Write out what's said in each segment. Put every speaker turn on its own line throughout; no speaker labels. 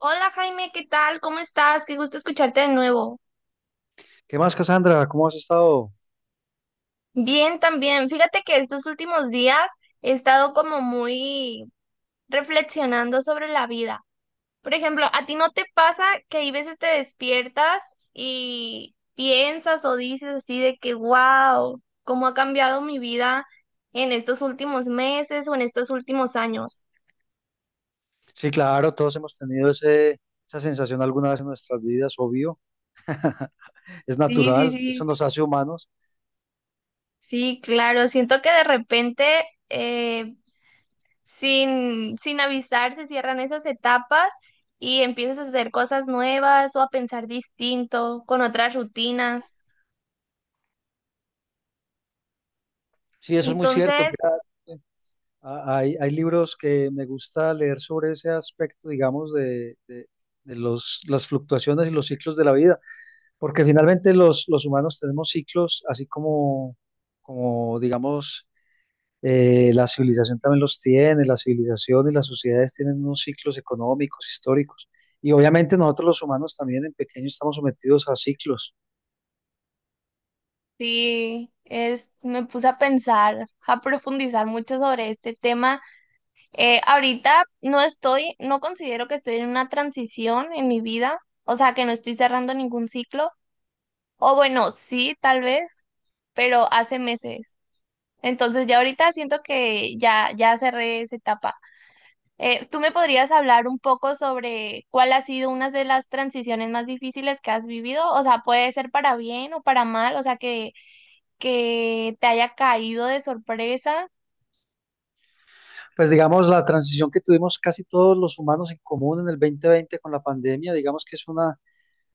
Hola Jaime, ¿qué tal? ¿Cómo estás? Qué gusto escucharte de nuevo.
¿Qué más, Cassandra? ¿Cómo has estado?
Bien, también. Fíjate que estos últimos días he estado como muy reflexionando sobre la vida. Por ejemplo, ¿a ti no te pasa que hay veces te despiertas y piensas o dices así de que, wow, cómo ha cambiado mi vida en estos últimos meses o en estos últimos años?
Sí, claro, todos hemos tenido esa sensación alguna vez en nuestras vidas, obvio. Es
Sí, sí,
natural, eso
sí.
nos hace humanos.
Sí, claro. Siento que de repente... eh, sin avisar, se cierran esas etapas y empiezas a hacer cosas nuevas o a pensar distinto, con otras rutinas.
Sí, eso es muy cierto.
Entonces,
Mira, eh, hay libros que me gusta leer sobre ese aspecto, digamos, de los, las fluctuaciones y los ciclos de la vida, porque finalmente los humanos tenemos ciclos, así como digamos, la civilización también los tiene, la civilización y las sociedades tienen unos ciclos económicos, históricos. Y obviamente nosotros los humanos también en pequeño estamos sometidos a ciclos.
sí, es, me puse a pensar, a profundizar mucho sobre este tema. Ahorita no estoy, no considero que estoy en una transición en mi vida, o sea, que no estoy cerrando ningún ciclo, o bueno, sí, tal vez, pero hace meses. Entonces ya ahorita siento que ya, ya cerré esa etapa. ¿Tú me podrías hablar un poco sobre cuál ha sido una de las transiciones más difíciles que has vivido? O sea, puede ser para bien o para mal, o sea, que te haya caído de sorpresa.
Pues digamos, la transición que tuvimos casi todos los humanos en común en el 2020 con la pandemia, digamos que es una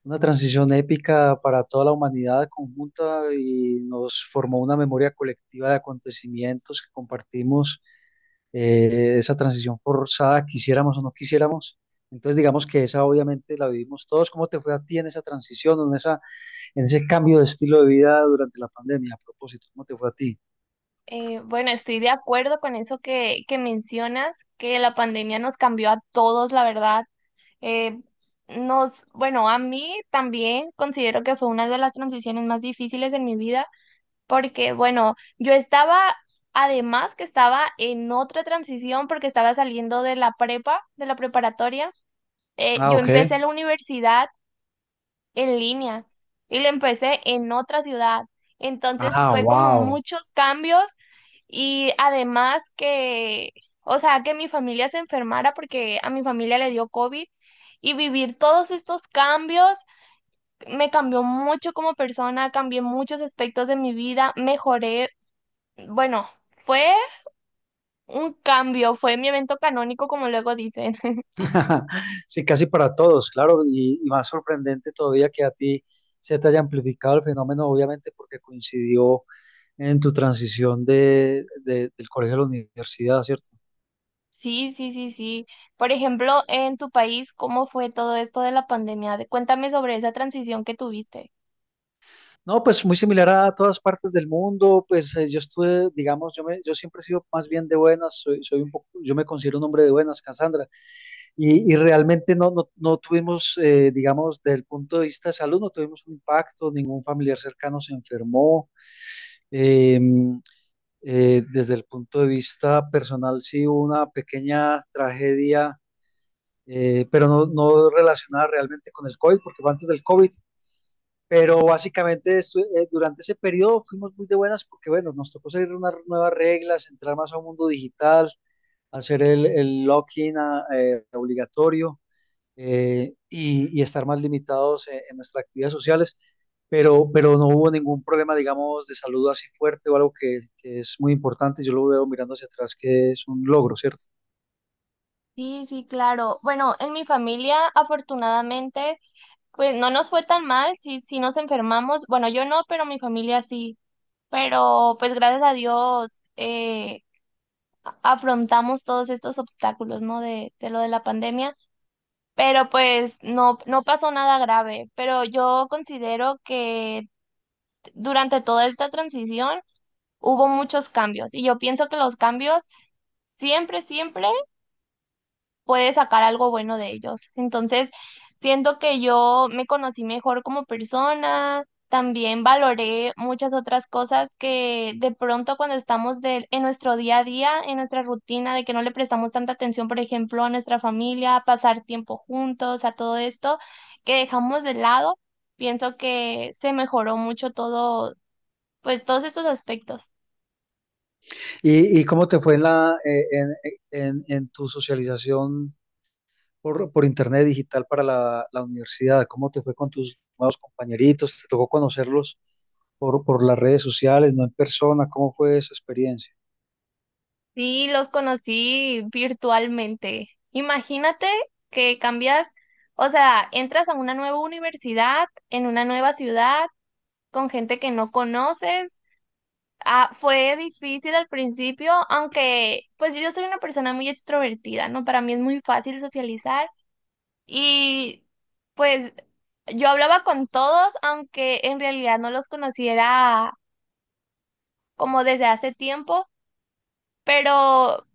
Una transición épica para toda la humanidad conjunta y nos formó una memoria colectiva de acontecimientos que compartimos. Esa transición forzada, quisiéramos o no quisiéramos. Entonces, digamos que esa obviamente la vivimos todos. ¿Cómo te fue a ti en esa transición, o en esa, en ese cambio de estilo de vida durante la pandemia? A propósito, ¿cómo te fue a ti?
Bueno, estoy de acuerdo con eso que mencionas, que la pandemia nos cambió a todos, la verdad. Eh, nos, bueno, a mí también considero que fue una de las transiciones más difíciles en mi vida porque bueno, yo estaba, además que estaba en otra transición porque estaba saliendo de la prepa, de la preparatoria,
Ah,
yo
ok.
empecé la universidad en línea y la empecé en otra ciudad. Entonces
Ah,
fue como
wow.
muchos cambios y además que, o sea, que mi familia se enfermara porque a mi familia le dio COVID y vivir todos estos cambios me cambió mucho como persona, cambié muchos aspectos de mi vida, mejoré bueno, fue un cambio, fue mi evento canónico, como luego dicen.
Sí, casi para todos, claro, y más sorprendente todavía que a ti se te haya amplificado el fenómeno, obviamente porque coincidió en tu transición de, del colegio a la universidad, ¿cierto?
Sí, sí, sí, sí. Por ejemplo, en tu país, ¿cómo fue todo esto de la pandemia? De- Cuéntame sobre esa transición que tuviste.
No, pues muy similar a todas partes del mundo, pues yo estuve, digamos, yo siempre he sido más bien de buenas, soy un poco, yo me considero un hombre de buenas, Cassandra, y realmente no tuvimos, digamos, desde el punto de vista de salud, no tuvimos un impacto, ningún familiar cercano se enfermó. em, Desde el punto de vista personal, sí hubo una pequeña tragedia, pero no relacionada realmente con el COVID, porque fue antes del COVID. Pero básicamente durante ese periodo fuimos muy de buenas porque, bueno, nos tocó seguir unas nuevas reglas, entrar más a un mundo digital, hacer el login obligatorio, y estar más limitados en nuestras actividades sociales, pero no hubo ningún problema, digamos, de salud así fuerte o algo que es muy importante. Yo lo veo mirando hacia atrás, que es un logro, ¿cierto?
Sí, sí, claro. Bueno, en mi familia, afortunadamente, pues no nos fue tan mal, sí, sí nos enfermamos. Bueno, yo no, pero mi familia sí. Pero pues gracias a Dios a- afrontamos todos estos obstáculos, ¿no? De lo de la pandemia. Pero pues no, no pasó nada grave, pero yo considero que durante toda esta transición hubo muchos cambios y yo pienso que los cambios siempre, siempre puedes sacar algo bueno de ellos. Entonces, siento que yo me conocí mejor como persona, también valoré muchas otras cosas que de pronto cuando estamos de- en nuestro día a día, en nuestra rutina, de que no le prestamos tanta atención, por ejemplo, a nuestra familia, a pasar tiempo juntos, a todo esto que dejamos de lado, pienso que se mejoró mucho todo, pues todos estos aspectos.
¿Y cómo te fue en, la, en tu socialización por internet digital para la universidad? ¿Cómo te fue con tus nuevos compañeritos? ¿Te tocó conocerlos por las redes sociales, no en persona? ¿Cómo fue esa experiencia?
Sí, los conocí virtualmente. Imagínate que cambias, o sea, entras a una nueva universidad, en una nueva ciudad, con gente que no conoces. Ah, fue difícil al principio, aunque pues yo soy una persona muy extrovertida, ¿no? Para mí es muy fácil socializar y pues yo hablaba con todos, aunque en realidad no los conociera como desde hace tiempo, pero...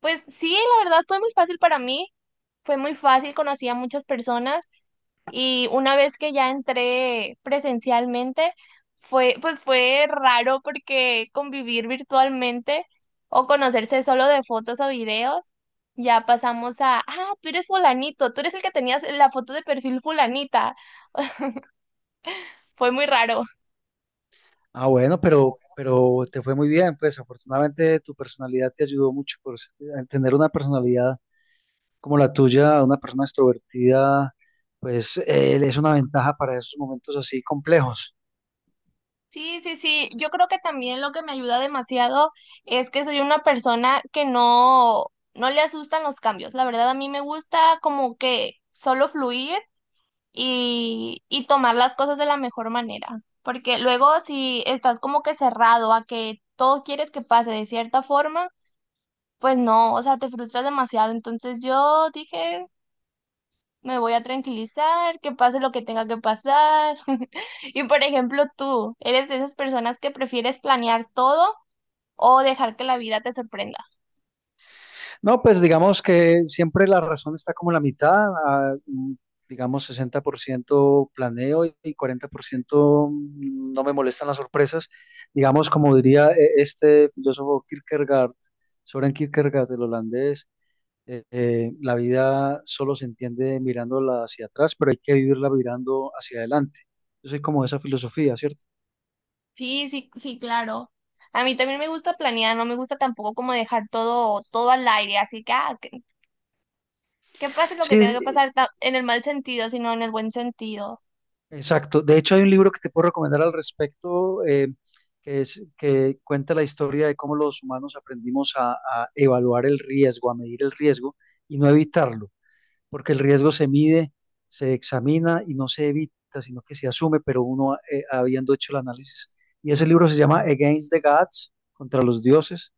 Pues sí, la verdad fue muy fácil para mí, fue muy fácil, conocí a muchas personas y una vez que ya entré presencialmente, fue, pues fue raro porque convivir virtualmente o conocerse solo de fotos o videos, ya pasamos a, ah, tú eres fulanito, tú eres el que tenías la foto de perfil fulanita, fue muy raro.
Ah, bueno, pero te fue muy bien, pues afortunadamente tu personalidad te ayudó mucho a tener una personalidad como la tuya, una persona extrovertida, pues es una ventaja para esos momentos así complejos.
Sí, sí, sí. Yo creo que también lo que me ayuda demasiado es que soy una persona que no, no le asustan los cambios. La verdad, a mí me gusta como que solo fluir y tomar las cosas de la mejor manera. Porque luego si estás como que cerrado a que todo quieres que pase de cierta forma, pues no, o sea, te frustras demasiado. Entonces yo dije, me voy a tranquilizar, que pase lo que tenga que pasar. Y por ejemplo, tú, ¿eres de esas personas que prefieres planear todo o dejar que la vida te sorprenda?
No, pues digamos que siempre la razón está como la mitad, digamos 60% planeo y cuarenta por ciento, no me molestan las sorpresas. Digamos, como diría este filósofo Kierkegaard, Soren Kierkegaard, el holandés, la vida solo se entiende mirándola hacia atrás, pero hay que vivirla mirando hacia adelante. Yo soy como de esa filosofía, ¿cierto?
Sí, sí, sí, claro. A mí también me gusta planear, no me gusta tampoco como dejar todo, todo al aire, así que, ah, que pase lo que tenga que
Sí,
pasar ta- en el mal sentido, sino en el buen sentido.
exacto. De hecho, hay un libro que te puedo recomendar al respecto, que es que cuenta la historia de cómo los humanos aprendimos a evaluar el riesgo, a medir el riesgo y no evitarlo, porque el riesgo se mide, se examina y no se evita, sino que se asume, pero uno, habiendo hecho el análisis. Y ese libro se llama Against the Gods, contra los dioses,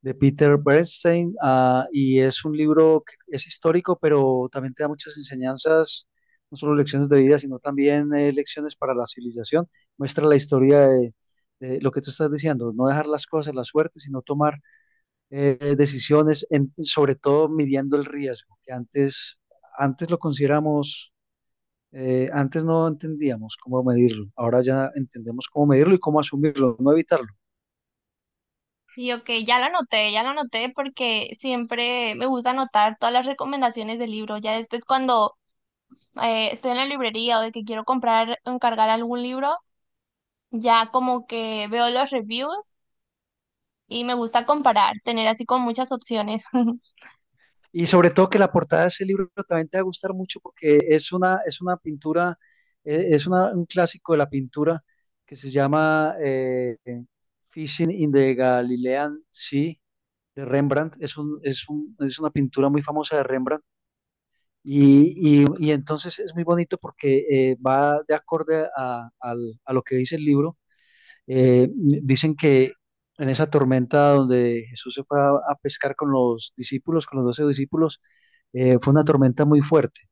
de Peter Bernstein. Y es un libro que es histórico, pero también te da muchas enseñanzas, no solo lecciones de vida, sino también, lecciones para la civilización. Muestra la historia de lo que tú estás diciendo: no dejar las cosas a la suerte, sino tomar, decisiones, sobre todo midiendo el riesgo, que antes lo consideramos, antes no entendíamos cómo medirlo, ahora ya entendemos cómo medirlo y cómo asumirlo, no evitarlo.
Y ok, ya lo anoté porque siempre me gusta anotar todas las recomendaciones del libro. Ya después cuando estoy en la librería o de que quiero comprar, encargar algún libro, ya como que veo los reviews y me gusta comparar, tener así con muchas opciones.
Y sobre todo que la portada de ese libro también te va a gustar mucho porque es una pintura. Es un clásico de la pintura que se llama, Fishing in the Galilean Sea, de Rembrandt. Es una pintura muy famosa de Rembrandt. Y entonces es muy bonito porque, va de acorde a, a lo que dice el libro. Dicen que en esa tormenta donde Jesús se fue a pescar con los discípulos, con los 12 discípulos, fue una tormenta muy fuerte.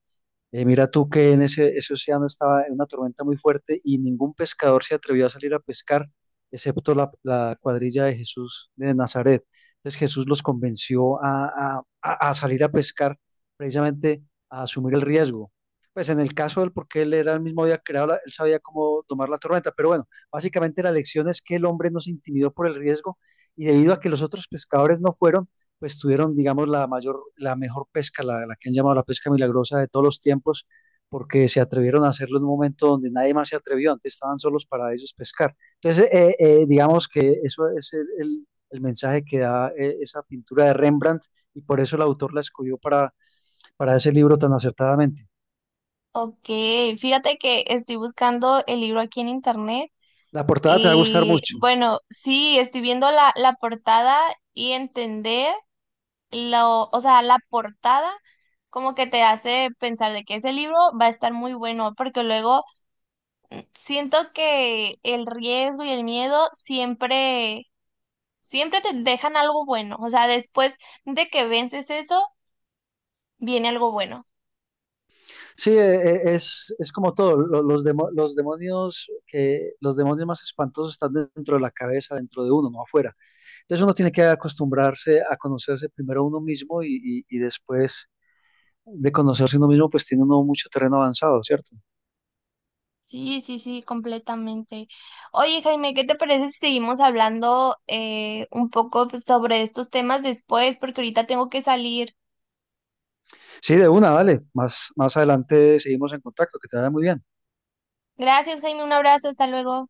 Mira tú que en ese océano estaba en una tormenta muy fuerte y ningún pescador se atrevió a salir a pescar, excepto la cuadrilla de Jesús de Nazaret. Entonces Jesús los convenció a salir a pescar, precisamente a asumir el riesgo. Pues en el caso de él, porque él era el mismo, había creado, él sabía cómo tomar la tormenta. Pero bueno, básicamente la lección es que el hombre no se intimidó por el riesgo, y debido a que los otros pescadores no fueron, pues tuvieron, digamos, la mayor, la mejor pesca, la que han llamado la pesca milagrosa de todos los tiempos, porque se atrevieron a hacerlo en un momento donde nadie más se atrevió, antes estaban solos para ellos pescar. Entonces, digamos que eso es el mensaje que da, esa pintura de Rembrandt, y por eso el autor la escogió para ese libro tan acertadamente.
Ok, fíjate que estoy buscando el libro aquí en internet
La portada te va a gustar
y
mucho.
bueno, sí, estoy viendo la, la portada y entender lo, o sea, la portada como que te hace pensar de que ese libro va a estar muy bueno, porque luego siento que el riesgo y el miedo siempre siempre te dejan algo bueno. O sea, después de que vences eso, viene algo bueno.
Sí, es como todo. Los, demo, los, demonios que, los demonios más espantosos están dentro de la cabeza, dentro de uno, no afuera. Entonces uno tiene que acostumbrarse a conocerse primero uno mismo y después de conocerse uno mismo, pues tiene uno mucho terreno avanzado, ¿cierto?
Sí, sí, sí, completamente. Oye, Jaime, ¿qué te parece si seguimos hablando un poco pues, sobre estos temas después? Porque ahorita tengo que salir.
Sí, de una, vale. Más adelante seguimos en contacto, que te vaya muy bien.
Gracias, Jaime, un abrazo, hasta luego.